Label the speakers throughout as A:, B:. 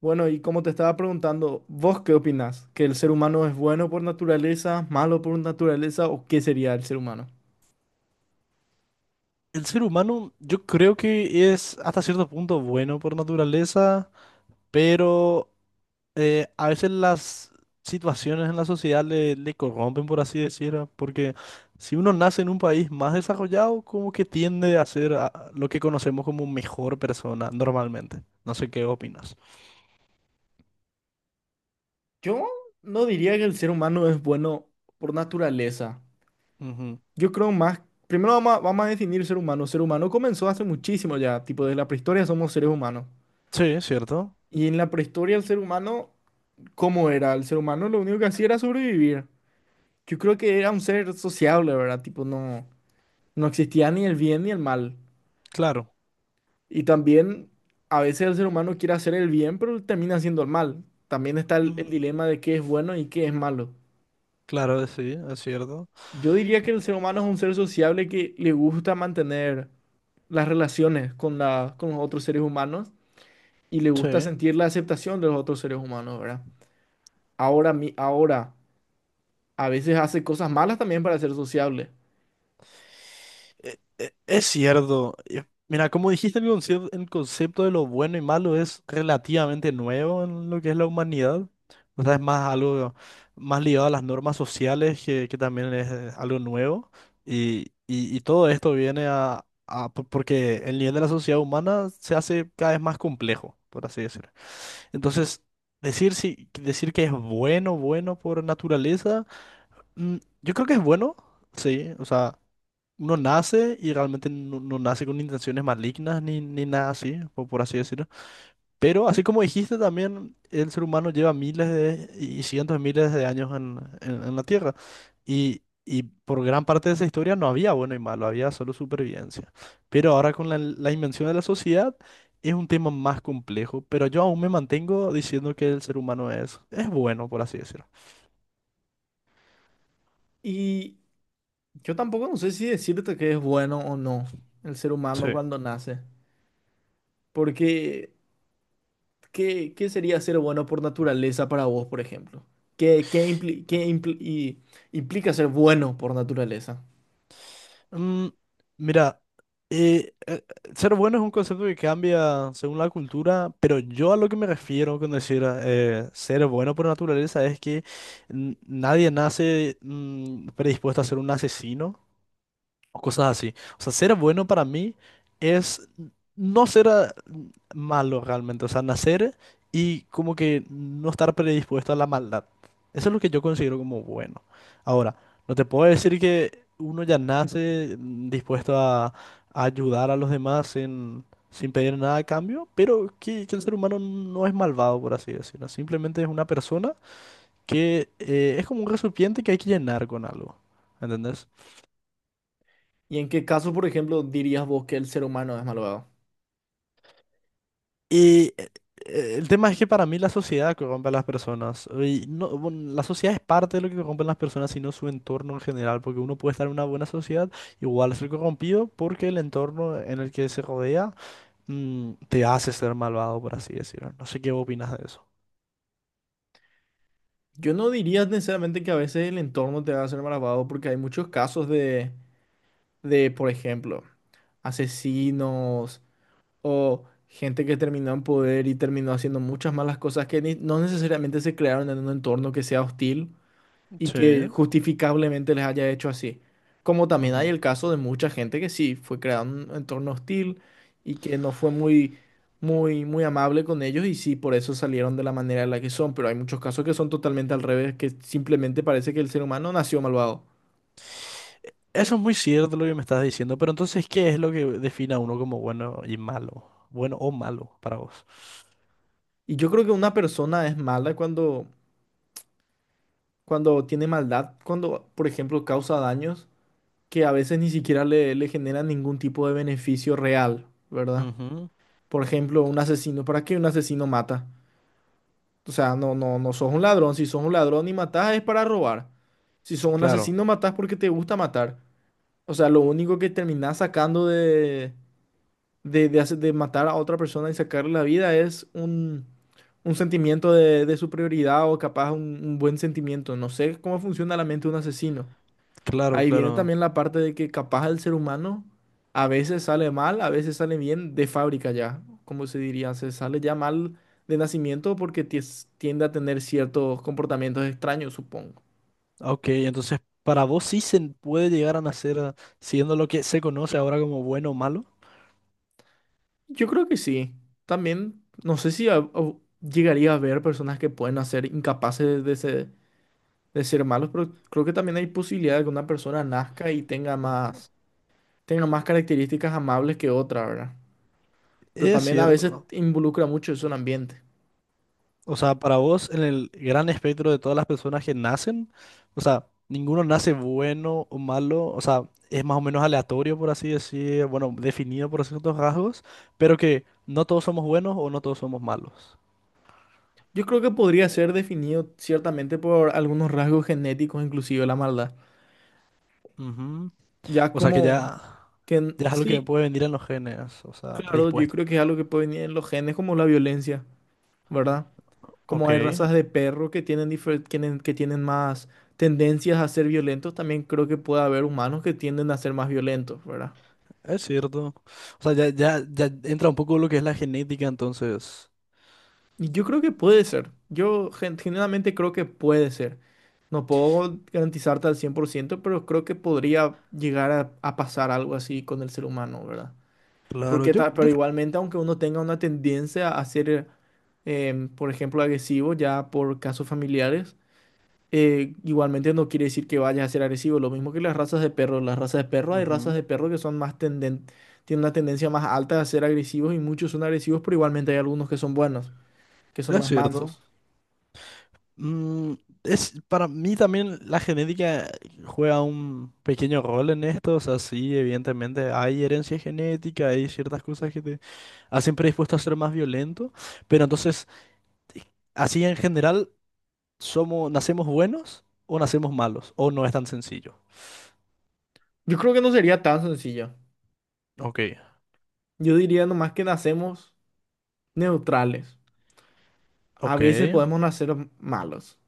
A: Bueno, y como te estaba preguntando, ¿vos qué opinás? ¿Que el ser humano es bueno por naturaleza, malo por naturaleza o qué sería el ser humano?
B: El ser humano, yo creo que es hasta cierto punto bueno por naturaleza, pero a veces las situaciones en la sociedad le corrompen, por así decirlo, porque si uno nace en un país más desarrollado, como que tiende a ser lo que conocemos como mejor persona normalmente. No sé qué opinas.
A: Yo no diría que el ser humano es bueno por naturaleza.
B: Ujú.
A: Yo creo más, primero vamos a definir ser humano. Ser humano comenzó hace muchísimo ya, tipo desde la prehistoria somos seres humanos.
B: Sí, es cierto.
A: Y en la prehistoria el ser humano, ¿cómo era? El ser humano lo único que hacía era sobrevivir. Yo creo que era un ser sociable, ¿verdad? Tipo, no, no existía ni el bien ni el mal.
B: Claro.
A: Y también a veces el ser humano quiere hacer el bien, pero termina haciendo el mal. También está el,
B: Mm,
A: el dilema de qué es bueno y qué es malo.
B: claro, sí, es cierto.
A: Yo diría que el ser humano es un ser sociable que le gusta mantener las relaciones con, la, con los otros seres humanos y le gusta
B: Sí.
A: sentir la aceptación de los otros seres humanos, ¿verdad? Ahora, mi, ahora, a veces hace cosas malas también para ser sociable.
B: Es cierto. Mira, como dijiste, el concepto de lo bueno y malo es relativamente nuevo en lo que es la humanidad. O sea, es más algo más ligado a las normas sociales, que también es algo nuevo. Y, y todo esto viene porque el nivel de la sociedad humana se hace cada vez más complejo, por así decirlo. Entonces, decir, si, decir que es bueno, bueno por naturaleza, mm, yo creo que es bueno, sí. O sea uno nace y realmente no, no nace con intenciones malignas ni, ni nada así, por así decirlo. Pero así como dijiste también, el ser humano lleva miles de, y cientos de miles de años en, en la Tierra. Y por gran parte de esa historia no había bueno y malo, había solo supervivencia. Pero ahora con la, la invención de la sociedad es un tema más complejo, pero yo aún me mantengo diciendo que el ser humano es bueno, por así decirlo.
A: Y yo tampoco no sé si decirte que es bueno o no el ser humano
B: Sí.
A: cuando nace, porque... ¿Qué, qué sería ser bueno por naturaleza para vos, por ejemplo? ¿Qué, qué implica ser bueno por naturaleza?
B: Mm, mira, eh, eh, ser bueno es un concepto que cambia según la cultura, pero yo a lo que me refiero con decir ser bueno por naturaleza es que nadie nace predispuesto a ser un asesino o cosas así. O sea, ser bueno para mí es no ser malo realmente, o sea, nacer y como que no estar predispuesto a la maldad. Eso es lo que yo considero como bueno. Ahora, no te puedo decir que uno ya nace dispuesto a ayudar a los demás sin, sin pedir nada a cambio, pero que el ser humano no es malvado, por así decirlo. Simplemente es una persona que es como un recipiente que hay que llenar con algo. ¿Entendés?
A: ¿Y en qué caso, por ejemplo, dirías vos que el ser humano es malvado?
B: Y el tema es que para mí la sociedad corrompe a las personas. Y no, bueno, la sociedad es parte de lo que corrompen las personas, sino su entorno en general. Porque uno puede estar en una buena sociedad, igual ser corrompido, porque el entorno en el que se rodea te hace ser malvado, por así decirlo. No sé qué opinas de eso.
A: Yo no diría necesariamente que a veces el entorno te va a ser malvado, porque hay muchos casos de, por ejemplo, asesinos o gente que terminó en poder y terminó haciendo muchas malas cosas que no necesariamente se crearon en un entorno que sea hostil y
B: Sí.
A: que justificablemente les haya hecho así. Como también hay
B: Ujú.
A: el caso de mucha gente que sí, fue creado en un entorno hostil y que no fue muy, muy, muy amable con ellos y sí, por eso salieron de la manera en la que son, pero hay muchos casos que son totalmente al revés, que simplemente parece que el ser humano nació malvado.
B: Eso es muy cierto lo que me estás diciendo, pero entonces, ¿qué es lo que define a uno como bueno y malo? Bueno o malo para vos.
A: Y yo creo que una persona es mala cuando tiene maldad, cuando, por ejemplo, causa daños que a veces ni siquiera le generan ningún tipo de beneficio real, ¿verdad?
B: Ujú.
A: Por ejemplo, un asesino, ¿para qué un asesino mata? O sea, no, no, no sos un ladrón. Si sos un ladrón y matás es para robar. Si sos un
B: Claro,
A: asesino, matás porque te gusta matar. O sea, lo único que terminás sacando de de matar a otra persona y sacarle la vida es un sentimiento de superioridad o capaz un buen sentimiento. No sé cómo funciona la mente de un asesino.
B: claro,
A: Ahí viene
B: claro.
A: también la parte de que capaz el ser humano a veces sale mal, a veces sale bien de fábrica ya, como se diría, se sale ya mal de nacimiento porque tiende a tener ciertos comportamientos extraños, supongo.
B: Ok, entonces para vos sí se puede llegar a nacer siendo lo que se conoce ahora como bueno o malo.
A: Yo creo que sí. También, no sé si llegaría a haber personas que pueden nacer incapaces de ser malos, pero creo que también hay posibilidad de que una persona nazca y
B: Ok.
A: tenga más características amables que otra, ¿verdad? Pero
B: Es
A: también a veces
B: cierto.
A: involucra mucho eso en ambiente.
B: O sea, para vos, en el gran espectro de todas las personas que nacen, o sea, ninguno nace bueno o malo, o sea, es más o menos aleatorio, por así decir, bueno, definido por ciertos rasgos, pero que no todos somos buenos o no todos somos malos.
A: Yo creo que podría ser definido ciertamente por algunos rasgos genéticos, inclusive la maldad.
B: Ujú.
A: Ya
B: O sea, que
A: como
B: ya,
A: que
B: ya es algo que
A: sí,
B: puede venir en los genes, o sea,
A: claro, yo
B: predispuesto.
A: creo que es algo que puede venir en los genes, como la violencia, ¿verdad?
B: Ok.
A: Como hay razas de perro que tienen, que tienen más tendencias a ser violentos, también creo que puede haber humanos que tienden a ser más violentos, ¿verdad?
B: Es cierto. O sea, ya, ya, ya entra un poco lo que es la genética, entonces.
A: Y yo creo que puede ser. Yo genuinamente creo que puede ser. No puedo garantizarte al 100%, pero creo que podría llegar a pasar algo así con el ser humano, ¿verdad?
B: Claro,
A: Porque
B: yo,
A: pero
B: yo creo.
A: igualmente, aunque uno tenga una tendencia a ser, por ejemplo, agresivo ya por casos familiares, igualmente no quiere decir que vaya a ser agresivo. Lo mismo que las razas de perros. Las razas de perros, hay razas
B: Ujú.
A: de perros que son más tenden, tienen una tendencia más alta a ser agresivos y muchos son agresivos, pero igualmente hay algunos que son buenos, que son
B: Es
A: más
B: cierto.
A: mansos.
B: Mm, es, para mí también la genética juega un pequeño rol en esto. O sea, sí, evidentemente hay herencia genética, hay ciertas cosas que te hacen predispuesto a ser más violento. Pero entonces, así en general. ¿Somos, nacemos buenos o nacemos malos? ¿O no es tan sencillo?
A: Yo creo que no sería tan sencillo.
B: Ok,
A: Yo diría nomás que nacemos neutrales. A
B: ok,
A: veces podemos nacer malos.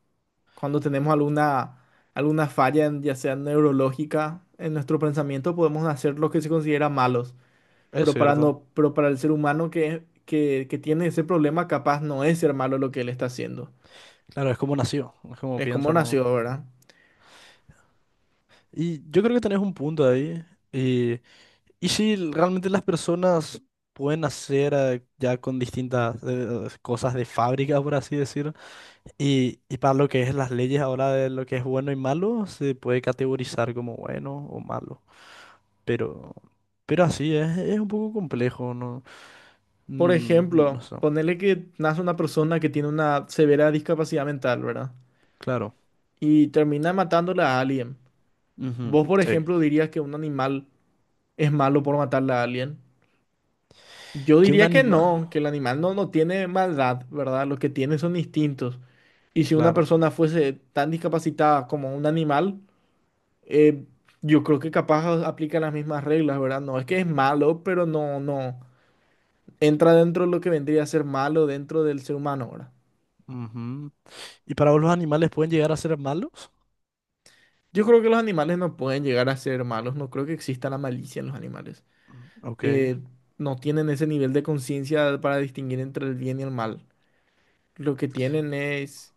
A: Cuando tenemos alguna, alguna falla, ya sea neurológica, en nuestro pensamiento, podemos hacer lo que se considera malos.
B: es
A: Pero para,
B: cierto.
A: no, pero para el ser humano que tiene ese problema, capaz no es ser malo lo que él está haciendo.
B: Claro, es como nació, es como
A: Es como
B: piensa, ¿no?
A: nació, ¿verdad?
B: Y yo creo que tenés un punto ahí. Y, y si realmente las personas pueden nacer ya con distintas cosas de fábrica, por así decir. Y para lo que es las leyes ahora de lo que es bueno y malo, se puede categorizar como bueno o malo. Pero, pero así es un poco complejo, ¿no?
A: Por
B: No, no, no
A: ejemplo,
B: sé.
A: ponerle que nace una persona que tiene una severa discapacidad mental, ¿verdad?
B: Claro.
A: Y termina matándola a alguien.
B: Ujú,
A: ¿Vos, por
B: sí.
A: ejemplo, dirías que un animal es malo por matarla a alguien? Yo
B: Que un
A: diría que
B: animal.
A: no, que el animal no, no tiene maldad, ¿verdad? Lo que tiene son instintos. Y si una
B: Claro.
A: persona fuese tan discapacitada como un animal, eh, yo creo que capaz aplica las mismas reglas, ¿verdad? No es que es malo, pero no, no entra dentro de lo que vendría a ser malo dentro del ser humano, ¿verdad?
B: Ujú. ¿Y para vos los animales pueden llegar a ser malos?
A: Yo creo que los animales no pueden llegar a ser malos, no creo que exista la malicia en los animales.
B: Mm, ok.
A: Eh, no tienen ese nivel de conciencia para distinguir entre el bien y el mal. Lo que tienen es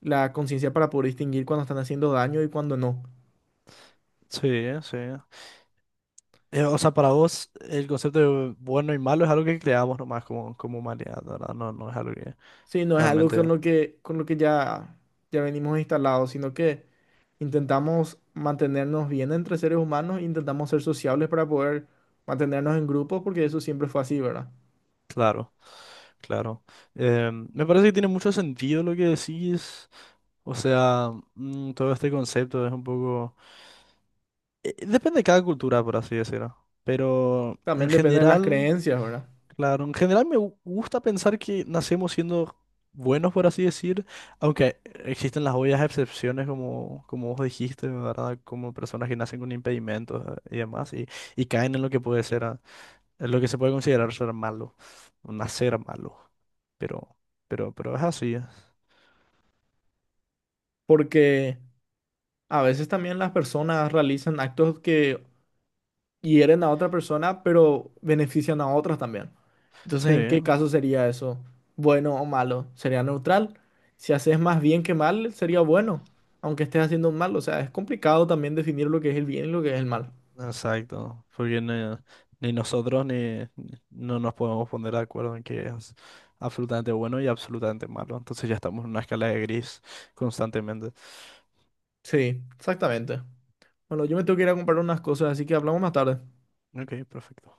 A: la conciencia para poder distinguir cuando están haciendo daño y cuando no.
B: Sí, sí. O sea, para vos el concepto de bueno y malo es algo que creamos nomás como, como humanidad, ¿verdad? No, no es algo que
A: Sí, no es algo
B: realmente...
A: con lo que ya, ya venimos instalados, sino que intentamos mantenernos bien entre seres humanos, intentamos ser sociables para poder mantenernos en grupos, porque eso siempre fue así, ¿verdad?
B: Claro, claro. Me parece que tiene mucho sentido lo que decís. O sea, todo este concepto es un poco... depende de cada cultura, por así decirlo. Pero en
A: También depende de las
B: general...
A: creencias, ¿verdad?
B: Claro, en general gusta pensar que nacemos siendo buenos, por así decir, aunque existen las obvias excepciones, como, como vos dijiste, ¿verdad? Como personas que nacen con impedimentos y demás, y caen en lo que puede ser, en lo que se puede considerar ser malo, o nacer malo, pero, pero es así,
A: Porque a veces también las personas realizan actos que hieren a otra persona, pero benefician a otras también.
B: sí.
A: Entonces, ¿en qué caso sería eso? ¿Bueno o malo? Sería neutral. Si haces más bien que mal, sería bueno, aunque estés haciendo un mal. O sea, es complicado también definir lo que es el bien y lo que es el mal.
B: Exacto, porque ni, ni nosotros ni no nos podemos poner de acuerdo en que es absolutamente bueno y absolutamente malo. Entonces ya estamos en una escala de gris constantemente.
A: Sí, exactamente. Bueno, yo me tengo que ir a comprar unas cosas, así que hablamos más tarde.
B: Ok, perfecto.